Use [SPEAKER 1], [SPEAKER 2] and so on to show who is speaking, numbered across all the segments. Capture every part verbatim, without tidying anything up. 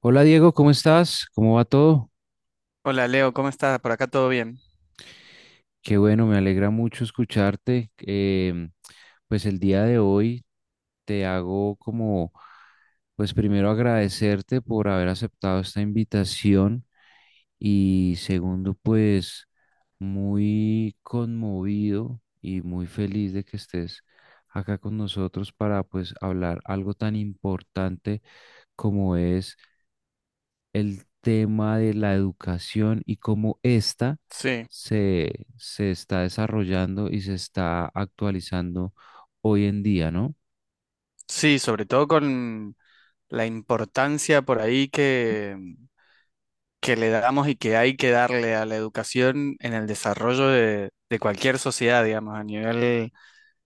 [SPEAKER 1] Hola Diego, ¿cómo estás? ¿Cómo va todo?
[SPEAKER 2] Hola Leo, ¿cómo estás? Por acá todo bien.
[SPEAKER 1] Qué bueno, me alegra mucho escucharte. Em, pues el día de hoy te hago como, pues primero agradecerte por haber aceptado esta invitación y segundo, pues muy conmovido y muy feliz de que estés acá con nosotros para pues hablar algo tan importante como es el tema de la educación y cómo ésta
[SPEAKER 2] Sí,
[SPEAKER 1] se, se está desarrollando y se está actualizando hoy en día, ¿no?
[SPEAKER 2] sí, sobre todo con la importancia por ahí que, que le damos y que hay que darle a la educación en el desarrollo de, de cualquier sociedad, digamos, a nivel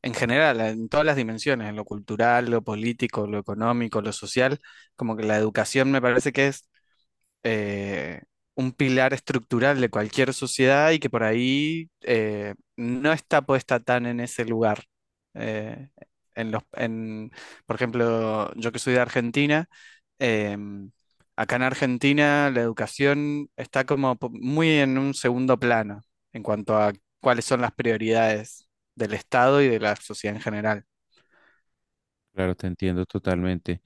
[SPEAKER 2] en general, en todas las dimensiones, en lo cultural, lo político, lo económico, lo social, como que la educación me parece que es eh, un pilar estructural de cualquier sociedad y que por ahí eh, no está puesta tan en ese lugar. Eh, en los, en, por ejemplo, yo que soy de Argentina, em, acá en Argentina la educación está como po- muy en un segundo plano en cuanto a cuáles son las prioridades del Estado y de la sociedad en general.
[SPEAKER 1] Claro, te entiendo totalmente.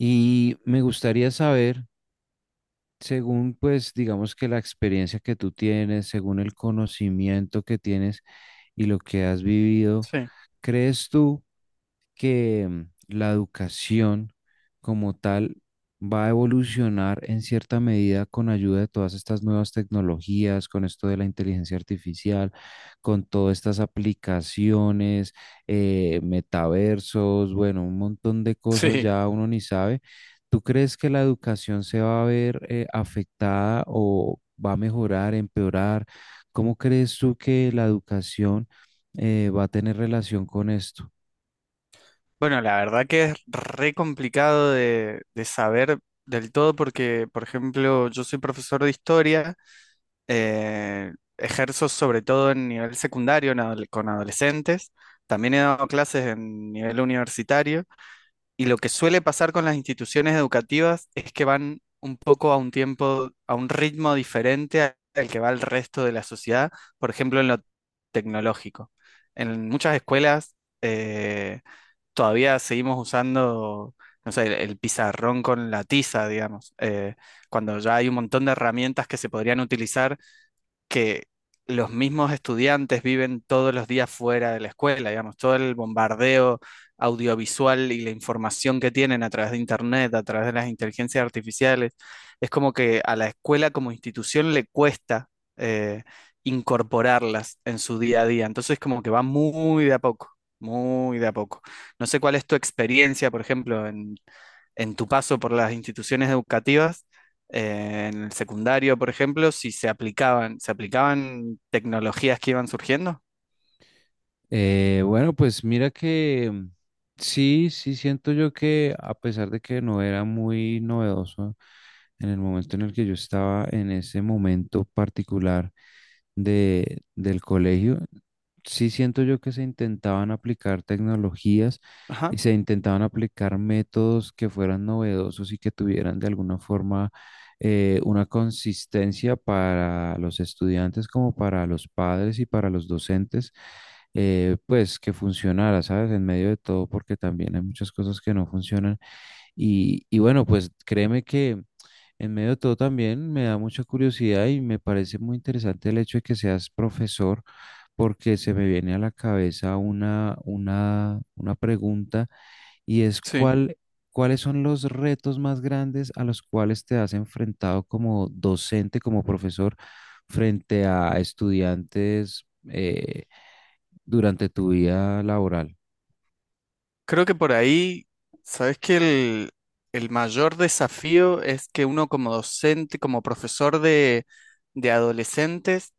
[SPEAKER 1] Y me gustaría saber, según pues digamos que la experiencia que tú tienes, según el conocimiento que tienes y lo que has vivido,
[SPEAKER 2] Sí,
[SPEAKER 1] ¿crees tú que mm, la educación como tal va a evolucionar en cierta medida con ayuda de todas estas nuevas tecnologías, con esto de la inteligencia artificial, con todas estas aplicaciones, eh, metaversos, bueno, un montón de cosas
[SPEAKER 2] sí.
[SPEAKER 1] ya uno ni sabe? ¿Tú crees que la educación se va a ver eh, afectada o va a mejorar, empeorar? ¿Cómo crees tú que la educación eh, va a tener relación con esto?
[SPEAKER 2] Bueno, la verdad que es re complicado de, de saber del todo porque, por ejemplo, yo soy profesor de historia, eh, ejerzo sobre todo en nivel secundario en adole- con adolescentes, también he dado clases en nivel universitario y lo que suele pasar con las instituciones educativas es que van un poco a un tiempo, a un ritmo diferente a- al que va el resto de la sociedad, por ejemplo, en lo tecnológico. En muchas escuelas... eh, todavía seguimos usando, no sé, el, el pizarrón con la tiza, digamos, eh, cuando ya hay un montón de herramientas que se podrían utilizar que los mismos estudiantes viven todos los días fuera de la escuela, digamos, todo el bombardeo audiovisual y la información que tienen a través de Internet, a través de las inteligencias artificiales, es como que a la escuela como institución le cuesta eh, incorporarlas en su día a día. Entonces, como que va muy de a poco, muy de a poco. No sé cuál es tu experiencia, por ejemplo, en, en tu paso por las instituciones educativas eh, en el secundario, por ejemplo, si se aplicaban, se aplicaban tecnologías que iban surgiendo.
[SPEAKER 1] Eh, bueno, pues mira que mm, sí, sí siento yo que a pesar de que no era muy novedoso en el momento en el que yo estaba en ese momento particular de, del colegio, sí siento yo que se intentaban aplicar tecnologías
[SPEAKER 2] Ajá,
[SPEAKER 1] y se intentaban aplicar métodos que fueran novedosos y que tuvieran de alguna forma eh, una consistencia para los estudiantes como para los padres y para los docentes, eh, pues que funcionara, ¿sabes? En medio de todo, porque también hay muchas cosas que no funcionan y, y bueno, pues créeme que en medio de todo también me da mucha curiosidad y me parece muy interesante el hecho de que seas profesor, porque se me viene a la cabeza una, una, una pregunta y es
[SPEAKER 2] sí.
[SPEAKER 1] cuál, cuáles son los retos más grandes a los cuales te has enfrentado como docente, como profesor, frente a estudiantes eh, durante tu vida laboral.
[SPEAKER 2] Creo que por ahí, sabes que el, el mayor desafío es que uno como docente, como profesor de, de adolescentes,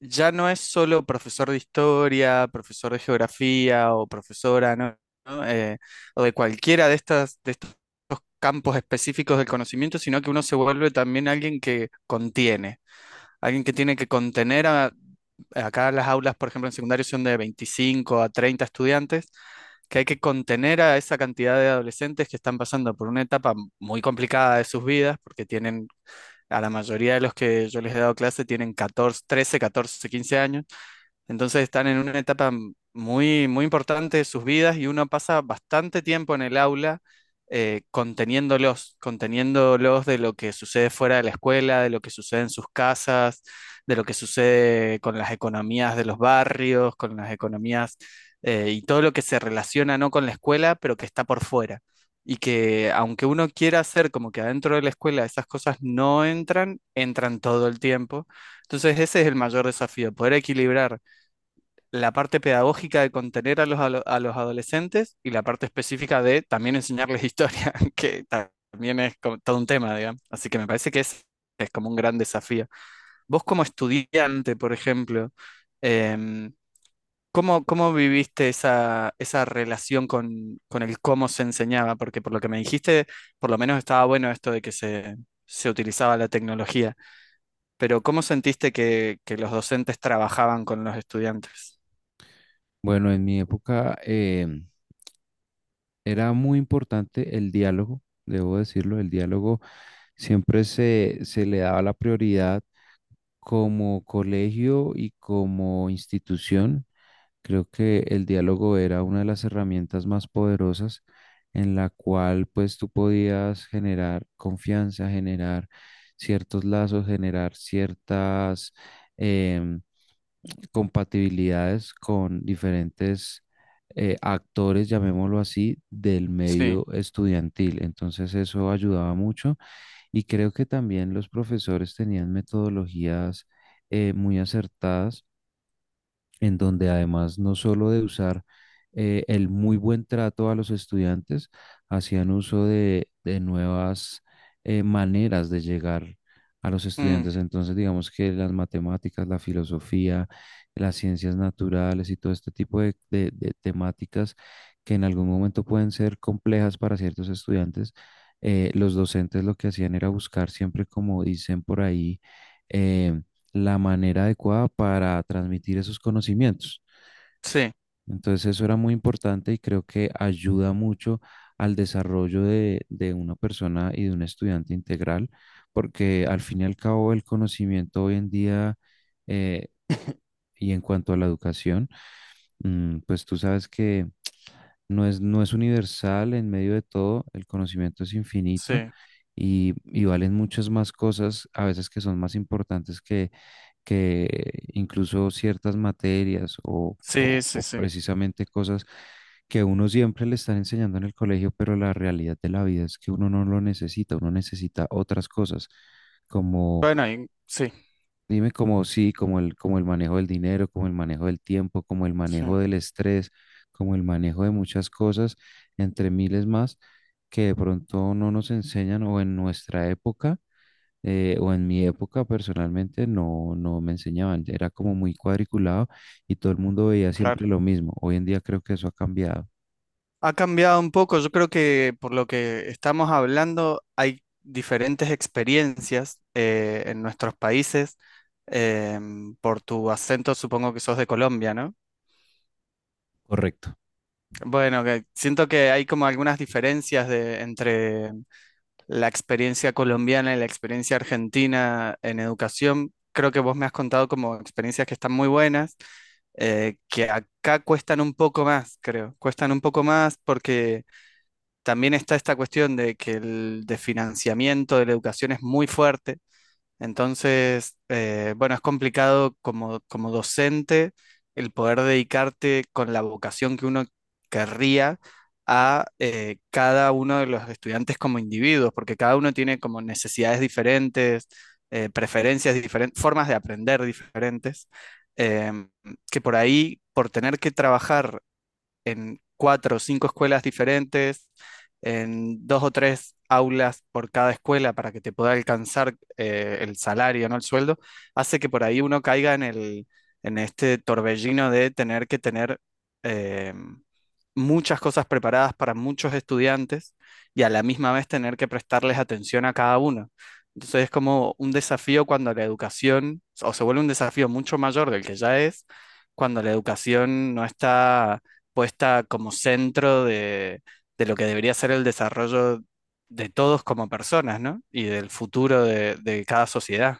[SPEAKER 2] ya no es solo profesor de historia, profesor de geografía o profesora, ¿no? ¿No? Eh, o de cualquiera de estas, de estos campos específicos del conocimiento, sino que uno se vuelve también alguien que contiene. Alguien que tiene que contener a, acá las aulas, por ejemplo, en secundario son de veinticinco a treinta estudiantes, que hay que contener a esa cantidad de adolescentes que están pasando por una etapa muy complicada de sus vidas, porque tienen, a la mayoría de los que yo les he dado clase tienen catorce, trece, catorce, quince años, entonces están en una etapa m- muy, muy importante de sus vidas y uno pasa bastante tiempo en el aula eh, conteniéndolos, conteniéndolos de lo que sucede fuera de la escuela, de lo que sucede en sus casas, de lo que sucede con las economías de los barrios, con las economías eh, y todo lo que se relaciona no con la escuela, pero que está por fuera. Y que aunque uno quiera hacer como que adentro de la escuela esas cosas no entran, entran todo el tiempo. Entonces ese es el mayor desafío, poder equilibrar la parte pedagógica de contener a los, alo- a los adolescentes y la parte específica de también enseñarles historia, que ta- también es como todo un tema, digamos. Así que me parece que es, es como un gran desafío. Vos como estudiante, por ejemplo, em, ¿cómo, cómo viviste esa, esa relación con, con el cómo se enseñaba? Porque por lo que me dijiste, por lo menos estaba bueno esto de que se, se utilizaba la tecnología, pero ¿cómo sentiste que, que los docentes trabajaban con los estudiantes?
[SPEAKER 1] Bueno, en mi época, em, era muy importante el diálogo, debo decirlo, el diálogo siempre se, se le daba la prioridad como colegio y como institución. Creo que el diálogo era una de las herramientas más poderosas en la cual pues tú podías generar confianza, generar ciertos lazos, generar ciertas, eh, compatibilidades con diferentes eh, actores, llamémoslo así, del
[SPEAKER 2] Sí.
[SPEAKER 1] medio estudiantil. Entonces eso ayudaba mucho y creo que también los profesores tenían metodologías eh, muy acertadas en donde además no solo de usar eh, el muy buen trato a los estudiantes, hacían uso de, de nuevas eh, maneras de llegar a los
[SPEAKER 2] Mm.
[SPEAKER 1] estudiantes. Entonces, digamos que las matemáticas, la filosofía, las ciencias naturales y todo este tipo de, de- de temáticas que en algún momento pueden ser complejas para ciertos estudiantes, eh, los docentes lo que hacían era buscar siempre, como dicen por ahí, eh, la manera adecuada para transmitir esos conocimientos.
[SPEAKER 2] Sí,
[SPEAKER 1] Entonces eso era muy importante y creo que ayuda mucho al desarrollo de, de una persona y de un estudiante integral, porque al fin y al cabo el conocimiento hoy en día eh, y en cuanto a la educación, mm, pues tú sabes que no es, no es universal en medio de todo, el conocimiento es infinito
[SPEAKER 2] sí,
[SPEAKER 1] y, y valen muchas más cosas, a veces, que son más importantes que, que incluso ciertas materias o, o-
[SPEAKER 2] sí, sí,
[SPEAKER 1] o
[SPEAKER 2] sí.
[SPEAKER 1] precisamente cosas que uno siempre le están enseñando en el colegio, pero la realidad de la vida es que uno no lo necesita, uno necesita otras cosas.
[SPEAKER 2] Bueno, y- sí,
[SPEAKER 1] Dime, como sí, como el, como el manejo del dinero, como el manejo del tiempo, como el
[SPEAKER 2] sí,
[SPEAKER 1] manejo del estrés, como el manejo de muchas cosas, entre miles más, que de pronto no nos enseñan o en nuestra época, eh, o en mi época personalmente, no, no me enseñaban. Era como muy cuadriculado y todo el mundo veía
[SPEAKER 2] claro.
[SPEAKER 1] siempre lo mismo. Hoy en día creo que eso ha cambiado.
[SPEAKER 2] Ha cambiado un poco, yo creo que por lo que estamos hablando hay diferentes experiencias eh, en nuestros países. Em, por tu acento supongo que sos de Colombia, ¿no? Bueno, que siento que hay como algunas diferencias de, entre la experiencia colombiana y la experiencia argentina en educación. Creo que vos me has contado como experiencias que están muy buenas, eh, que acá cuestan un poco más, creo. Cuestan un poco más porque también está esta cuestión de que el de financiamiento de la educación es muy fuerte entonces, eh, bueno, es complicado como, como docente el poder dedicarte con la vocación que uno querría a eh, cada uno de los estudiantes como individuos, porque cada uno tiene como necesidades diferentes, eh, preferencias diferentes, formas de aprender diferentes, em, que por ahí, por tener que trabajar en cuatro o cinco escuelas diferentes, en dos o tres aulas por cada escuela para que te pueda alcanzar eh, el salario, no el sueldo, hace que por ahí uno caiga en el, en este torbellino de tener que tener eh, muchas cosas preparadas para muchos estudiantes y a la misma vez tener que prestarles atención a cada uno. Entonces es como un desafío cuando la educación, o se vuelve un desafío mucho mayor del que ya es, cuando la educación no está puesta como centro de, de lo que debería ser el desarrollo de todos como personas, ¿no? Y del futuro de, de cada sociedad.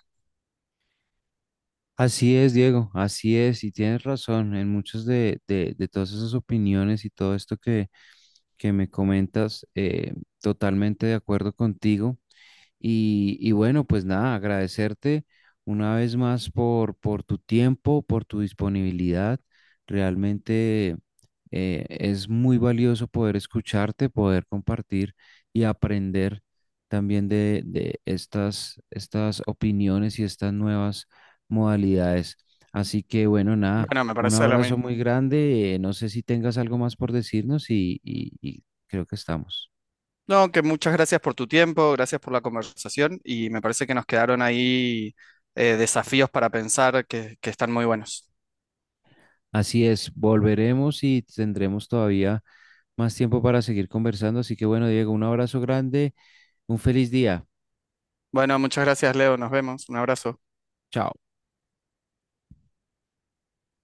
[SPEAKER 1] Así es, Diego, así es, y tienes razón en muchas de, de- de todas esas opiniones y todo esto que, que me comentas, eh, totalmente de acuerdo contigo. Y, y bueno, pues nada, agradecerte una vez más por, por tu tiempo, por tu disponibilidad. Realmente eh, es muy valioso poder escucharte, poder compartir y aprender también de, de estas, estas opiniones y estas nuevas modalidades. Así que bueno, nada,
[SPEAKER 2] Bueno, me
[SPEAKER 1] un
[SPEAKER 2] parece lo
[SPEAKER 1] abrazo muy
[SPEAKER 2] mismo.
[SPEAKER 1] grande. Eh, no sé si tengas algo más por decirnos y, y- y creo que estamos.
[SPEAKER 2] No, que muchas gracias por tu tiempo, gracias por la conversación y me parece que nos quedaron ahí eh, desafíos para pensar que, que están muy buenos.
[SPEAKER 1] Así es, volveremos y tendremos todavía más tiempo para seguir conversando. Así que bueno, Diego, un abrazo grande, un feliz día.
[SPEAKER 2] Bueno, muchas gracias, Leo. Nos vemos. Un abrazo.
[SPEAKER 1] Chao.